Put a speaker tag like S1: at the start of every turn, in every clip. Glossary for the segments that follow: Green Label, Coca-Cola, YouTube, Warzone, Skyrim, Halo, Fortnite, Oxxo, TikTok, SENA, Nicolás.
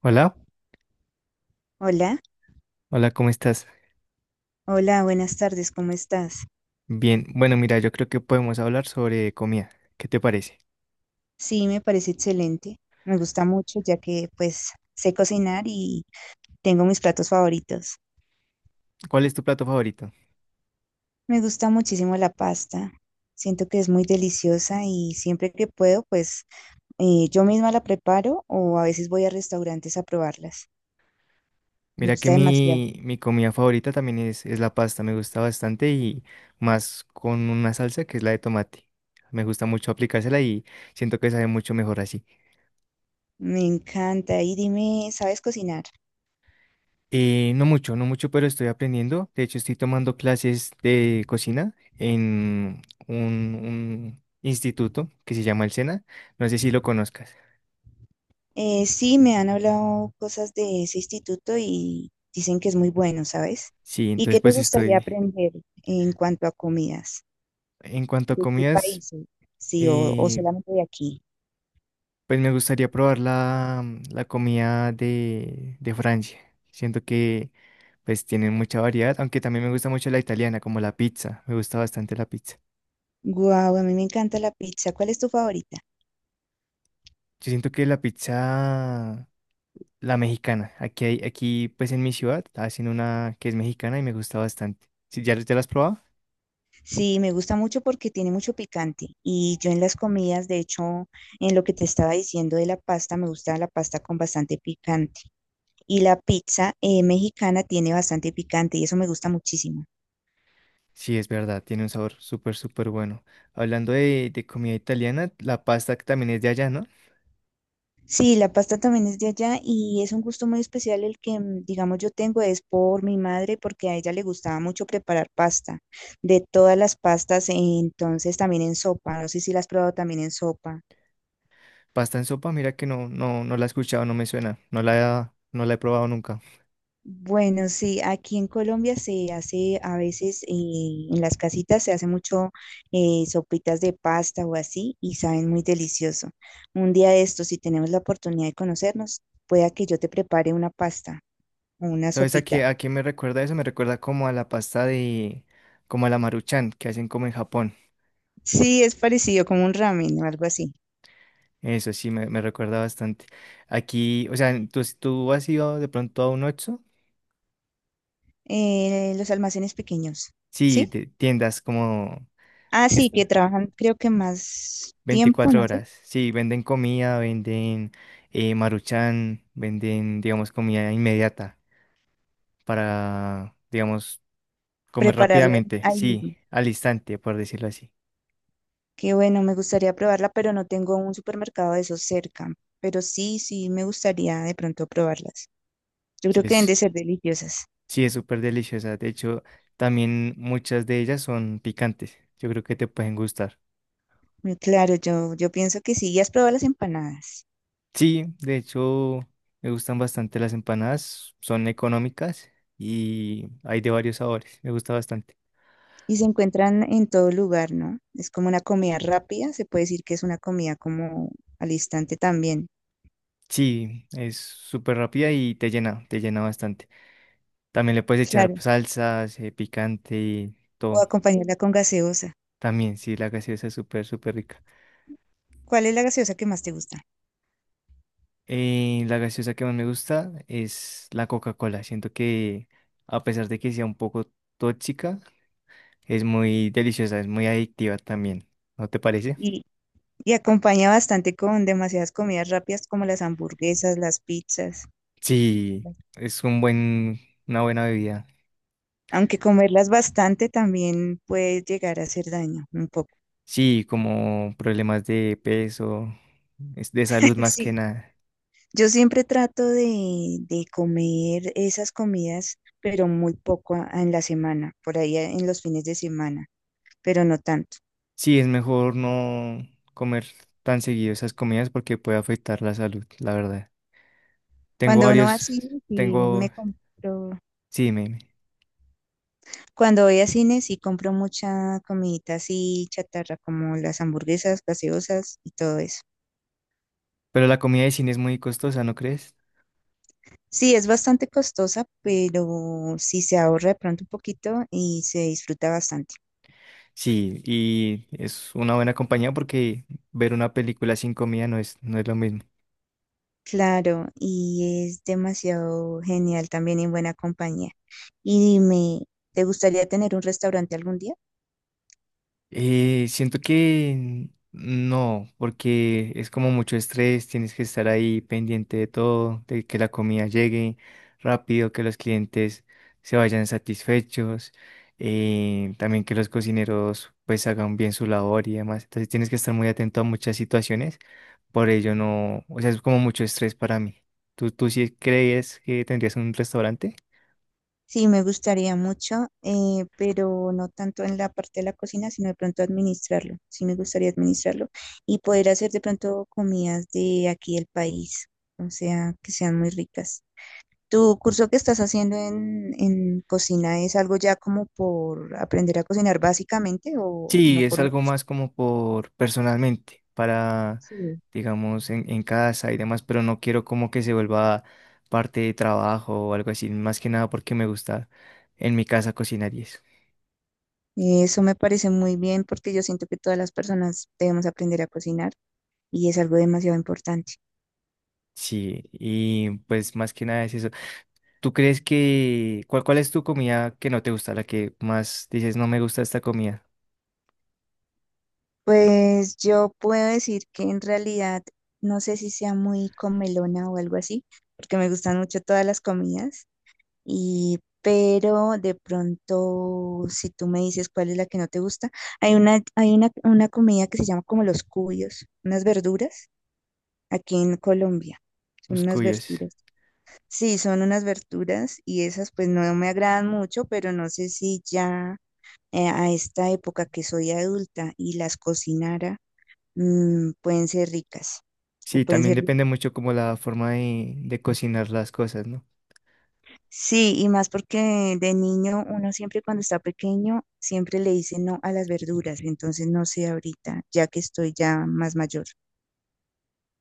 S1: Hola,
S2: Hola,
S1: hola, ¿cómo estás?
S2: hola, buenas tardes, ¿cómo estás?
S1: Bien, bueno, mira, yo creo que podemos hablar sobre comida. ¿Qué te parece?
S2: Sí, me parece excelente. Me gusta mucho ya que pues sé cocinar y tengo mis platos favoritos.
S1: ¿Cuál es tu plato favorito?
S2: Me gusta muchísimo la pasta. Siento que es muy deliciosa y siempre que puedo pues yo misma la preparo o a veces voy a restaurantes a probarlas. Me
S1: Mira que
S2: gusta demasiado.
S1: mi comida favorita también es la pasta, me gusta bastante y más con una salsa que es la de tomate. Me gusta mucho aplicársela y siento que sabe mucho mejor así.
S2: Me encanta. Y dime, ¿sabes cocinar?
S1: No mucho, no mucho, pero estoy aprendiendo. De hecho, estoy tomando clases de cocina en un instituto que se llama el SENA. No sé si lo conozcas.
S2: Sí, me han hablado cosas de ese instituto y dicen que es muy bueno, ¿sabes?
S1: Sí,
S2: ¿Y
S1: entonces
S2: qué te
S1: pues
S2: gustaría
S1: estoy...
S2: aprender en cuanto a comidas?
S1: En cuanto a
S2: ¿De qué
S1: comidas,
S2: países? Sí, o
S1: eh,
S2: solamente de aquí.
S1: pues me gustaría probar la comida de Francia. Siento que pues tienen mucha variedad, aunque también me gusta mucho la italiana, como la pizza. Me gusta bastante la pizza.
S2: Guau, a mí me encanta la pizza. ¿Cuál es tu favorita?
S1: Yo siento que la pizza, la mexicana, aquí hay, aquí pues en mi ciudad hacen una que es mexicana y me gusta bastante. ¿Sí, ya, ya la has probado?
S2: Sí, me gusta mucho porque tiene mucho picante. Y yo en las comidas, de hecho, en lo que te estaba diciendo de la pasta, me gusta la pasta con bastante picante. Y la pizza mexicana tiene bastante picante y eso me gusta muchísimo.
S1: Sí, es verdad, tiene un sabor súper, súper bueno. Hablando de comida italiana, la pasta que también es de allá, ¿no?
S2: Sí, la pasta también es de allá y es un gusto muy especial el que, mm, digamos, yo tengo es por mi madre porque a ella le gustaba mucho preparar pasta, de todas las pastas, entonces también en sopa, no sé si la has probado también en sopa.
S1: Pasta en sopa, mira que no, no, no la he escuchado, no me suena, no la, no la he probado nunca.
S2: Bueno, sí, aquí en Colombia se hace a veces en las casitas se hace mucho sopitas de pasta o así y saben muy delicioso. Un día de estos, si tenemos la oportunidad de conocernos, pueda que yo te prepare una pasta o una
S1: ¿Sabes
S2: sopita.
S1: a qué me recuerda eso? Me recuerda como a la pasta de, como a la maruchan que hacen como en Japón.
S2: Sí, es parecido como un ramen o algo así.
S1: Eso sí, me recuerda bastante. Aquí, o sea, ¿tú has ido de pronto a un Oxxo?
S2: Los almacenes pequeños,
S1: Sí,
S2: ¿sí?
S1: de tiendas como
S2: Ah,
S1: es-
S2: sí, que trabajan creo que más tiempo,
S1: 24
S2: no sé,
S1: horas. Sí, venden comida, venden maruchan, venden, digamos, comida inmediata para, digamos, comer rápidamente,
S2: ahí
S1: sí,
S2: mismo.
S1: al instante, por decirlo así.
S2: Qué bueno, me gustaría probarla, pero no tengo un supermercado de esos cerca. Pero sí, sí, me gustaría de pronto probarlas. Yo
S1: Sí,
S2: creo que deben
S1: es,
S2: de ser deliciosas.
S1: sí, es súper deliciosa. De hecho, también muchas de ellas son picantes. Yo creo que te pueden gustar.
S2: Muy claro, yo pienso que sí. Ya has probado las empanadas.
S1: Sí, de hecho, me gustan bastante las empanadas. Son económicas y hay de varios sabores. Me gusta bastante.
S2: Y se encuentran en todo lugar, ¿no? Es como una comida rápida, se puede decir que es una comida como al instante también.
S1: Sí, es súper rápida y te llena bastante. También le puedes echar
S2: Claro,
S1: salsas, picante y
S2: o
S1: todo.
S2: acompañarla con gaseosa.
S1: También, sí, la gaseosa es súper, súper rica.
S2: ¿Cuál es la gaseosa que más te gusta?
S1: La gaseosa que más me gusta es la Coca-Cola. Siento que a pesar de que sea un poco tóxica, es muy deliciosa, es muy adictiva también. ¿No te parece?
S2: Y, y acompaña bastante con demasiadas comidas rápidas como las hamburguesas, las pizzas.
S1: Sí, es un buen, una buena bebida.
S2: Aunque comerlas bastante también puede llegar a hacer daño un poco.
S1: Sí, como problemas de peso, es de salud más que
S2: Sí.
S1: nada.
S2: Yo siempre trato de comer esas comidas, pero muy poco en la semana, por ahí en los fines de semana, pero no tanto.
S1: Sí, es mejor no comer tan seguido esas comidas porque puede afectar la salud, la verdad. Tengo
S2: Cuando uno va
S1: varios,
S2: así, sí
S1: tengo,
S2: me compro.
S1: sí, me,
S2: Cuando voy a cine sí compro mucha comidita así chatarra, como las hamburguesas, gaseosas y todo eso.
S1: pero la comida de cine es muy costosa, ¿no crees?
S2: Sí, es bastante costosa, pero sí se ahorra de pronto un poquito y se disfruta bastante.
S1: Sí, y es una buena compañía porque ver una película sin comida no es, no es lo mismo.
S2: Claro, y es demasiado genial también en buena compañía. Y dime, ¿te gustaría tener un restaurante algún día?
S1: Siento que no, porque es como mucho estrés, tienes que estar ahí pendiente de todo, de que la comida llegue rápido, que los clientes se vayan satisfechos, también que los cocineros pues hagan bien su labor y demás. Entonces tienes que estar muy atento a muchas situaciones. Por ello no, o sea, es como mucho estrés para mí. ¿Tú sí crees que tendrías un restaurante?
S2: Sí, me gustaría mucho, pero no tanto en la parte de la cocina, sino de pronto administrarlo. Sí, me gustaría administrarlo y poder hacer de pronto comidas de aquí del país, o sea, que sean muy ricas. ¿Tu curso que estás haciendo en cocina es algo ya como por aprender a cocinar básicamente o
S1: Sí,
S2: no
S1: es
S2: por un...
S1: algo más como por personalmente, para,
S2: Sí.
S1: digamos, en casa y demás, pero no quiero como que se vuelva parte de trabajo o algo así, más que nada porque me gusta en mi casa cocinar y eso.
S2: Eso me parece muy bien porque yo siento que todas las personas debemos aprender a cocinar y es algo demasiado importante.
S1: Sí, y pues más que nada es eso. ¿Tú crees que, cuál, cuál es tu comida que no te gusta, la que más dices no me gusta esta comida?
S2: Pues yo puedo decir que en realidad no sé si sea muy comelona o algo así, porque me gustan mucho todas las comidas, y pero de pronto si tú me dices cuál es la que no te gusta, hay una comida que se llama como los cubios, unas verduras aquí en Colombia. Son
S1: Los
S2: unas
S1: cuyos.
S2: verduras. Sí, son unas verduras y esas pues no me agradan mucho, pero no sé si ya a esta época que soy adulta y las cocinara mm, pueden ser ricas o
S1: Sí,
S2: pueden
S1: también
S2: ser ricas.
S1: depende mucho como la forma de cocinar las cosas, ¿no?
S2: Sí, y más porque de niño uno siempre cuando está pequeño siempre le dice no a las verduras, entonces no sé ahorita, ya que estoy ya más mayor.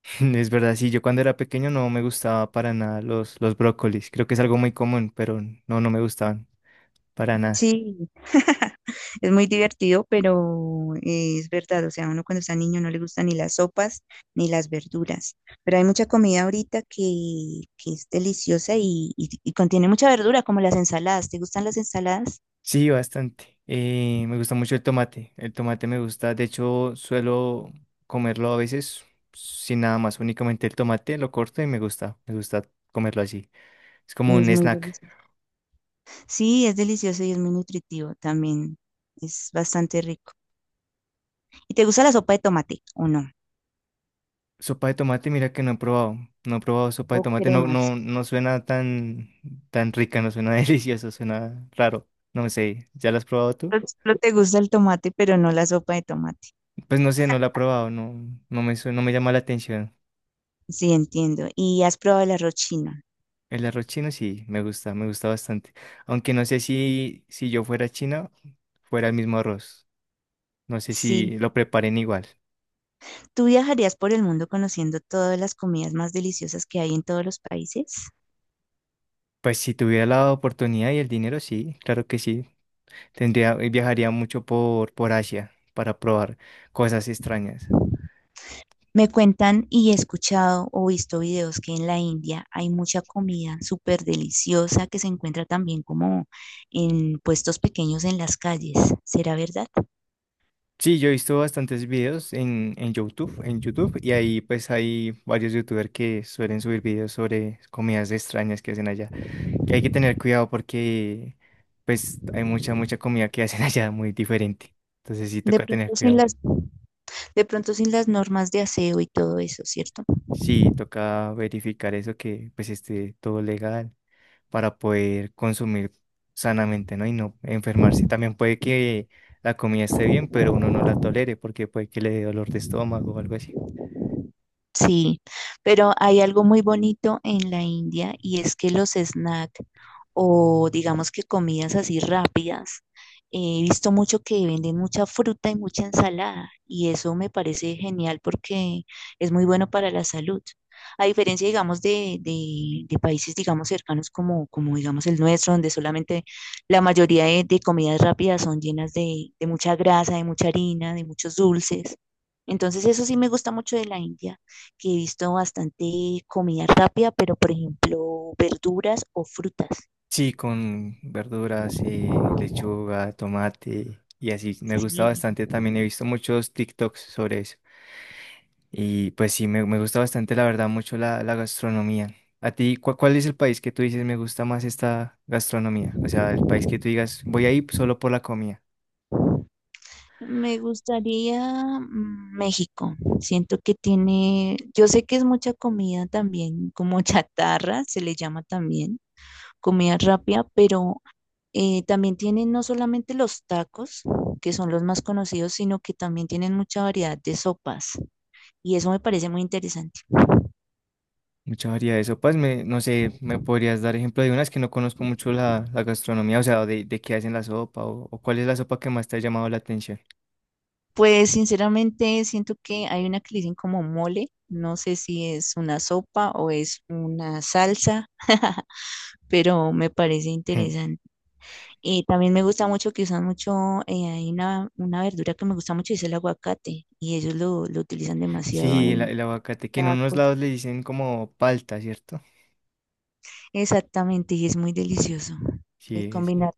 S1: Es verdad, sí, yo cuando era pequeño no me gustaba para nada los brócolis. Creo que es algo muy común, pero no, no me gustaban para nada.
S2: Sí, es muy divertido, pero es verdad, o sea, uno cuando está niño no le gustan ni las sopas ni las verduras, pero hay mucha comida ahorita que es deliciosa y y contiene mucha verdura, como las ensaladas. ¿Te gustan las ensaladas?
S1: Sí, bastante. Me gusta mucho el tomate. El tomate me gusta, de hecho, suelo comerlo a veces sin nada más, únicamente el tomate lo corto y me gusta comerlo así. Es como
S2: Es
S1: un
S2: muy
S1: snack.
S2: delicioso. Sí, es delicioso y es muy nutritivo también. Es bastante rico. ¿Y te gusta la sopa de tomate o no?
S1: Sopa de tomate, mira que no he probado. No he probado sopa de
S2: ¿O
S1: tomate. No,
S2: cremas?
S1: no, no suena tan, tan rica, no suena delicioso, suena raro. No sé, ¿ya la has probado tú?
S2: Solo te gusta el tomate, pero no la sopa de tomate.
S1: Pues no sé, no la he probado, no, no me, no me llama la atención.
S2: Sí, entiendo. ¿Y has probado el arroz chino?
S1: El arroz chino sí, me gusta bastante. Aunque no sé si, si yo fuera china, fuera el mismo arroz. No sé
S2: Sí.
S1: si lo preparen igual.
S2: ¿Tú viajarías por el mundo conociendo todas las comidas más deliciosas que hay en todos los países?
S1: Pues si tuviera la oportunidad y el dinero, sí, claro que sí. Tendría, viajaría mucho por Asia para probar cosas extrañas.
S2: Me cuentan y he escuchado o visto videos que en la India hay mucha comida súper deliciosa que se encuentra también como en puestos pequeños en las calles. ¿Será verdad?
S1: Sí, yo he visto bastantes videos en YouTube, y ahí pues hay varios youtubers que suelen subir videos sobre comidas extrañas que hacen allá, que hay que tener cuidado porque pues hay mucha, mucha comida que hacen allá muy diferente, entonces sí
S2: De
S1: toca tener
S2: pronto sin
S1: cuidado.
S2: las, de pronto sin las normas de aseo y todo eso, ¿cierto?
S1: Sí, toca verificar eso que pues esté todo legal para poder consumir sanamente, ¿no? Y no enfermarse. También puede que la comida esté bien, pero uno no la tolere porque puede que le dé dolor de estómago o algo así.
S2: Sí, pero hay algo muy bonito en la India y es que los snacks o digamos que comidas así rápidas, he visto mucho que venden mucha fruta y mucha ensalada y eso me parece genial porque es muy bueno para la salud. A diferencia, digamos, de países, digamos, cercanos como, como, digamos, el nuestro, donde solamente la mayoría de comidas rápidas son llenas de mucha grasa, de mucha harina, de muchos dulces. Entonces, eso sí me gusta mucho de la India que he visto bastante comida rápida, pero por ejemplo, verduras o frutas.
S1: Sí, con verduras, lechuga, tomate y así. Me gusta
S2: Sí,
S1: bastante también. He visto muchos TikToks sobre eso. Y pues sí, me gusta bastante, la verdad, mucho la gastronomía. ¿A ti cuál, es el país que tú dices me gusta más esta gastronomía? O sea, el país que tú digas, voy ahí solo por la comida.
S2: me gustaría mm, México. Siento que tiene, yo sé que es mucha comida también, como chatarra, se le llama también, comida rápida, pero también tienen no solamente los tacos, que son los más conocidos, sino que también tienen mucha variedad de sopas. Y eso me parece muy interesante.
S1: Mucha variedad de sopas, me, no sé, ¿me podrías dar ejemplo de unas que no conozco mucho la gastronomía? O sea, de qué hacen la sopa o cuál es la sopa que más te ha llamado la atención.
S2: Pues sinceramente siento que hay una que le dicen como mole, no sé si es una sopa o es una salsa, pero me parece interesante. Y también me gusta mucho que usan mucho, hay una verdura que me gusta mucho, es el aguacate, y ellos lo utilizan demasiado
S1: Sí, el,
S2: en
S1: el aguacate, que en unos
S2: tacos.
S1: lados le dicen como palta, ¿cierto?
S2: Exactamente, y es muy delicioso
S1: Sí,
S2: combinar,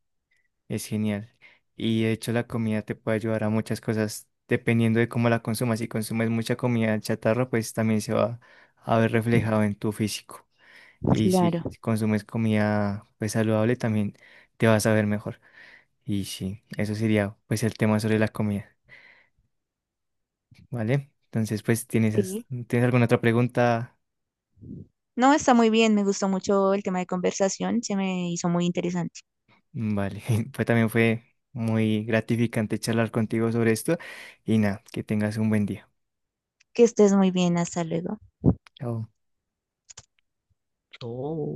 S1: es genial. Y de hecho la comida te puede ayudar a muchas cosas dependiendo de cómo la consumas. Si consumes mucha comida chatarra, pues también se va a ver reflejado en tu físico. Y si
S2: claro.
S1: consumes comida pues saludable, también te vas a ver mejor. Y sí, eso sería pues el tema sobre la comida, ¿vale? Entonces, pues, ¿tienes,
S2: Sí.
S1: tienes alguna otra pregunta?
S2: No, está muy bien, me gustó mucho el tema de conversación, se me hizo muy interesante.
S1: Vale, pues también fue muy gratificante charlar contigo sobre esto y nada, que tengas un buen día.
S2: Que estés muy bien, hasta luego.
S1: Chao.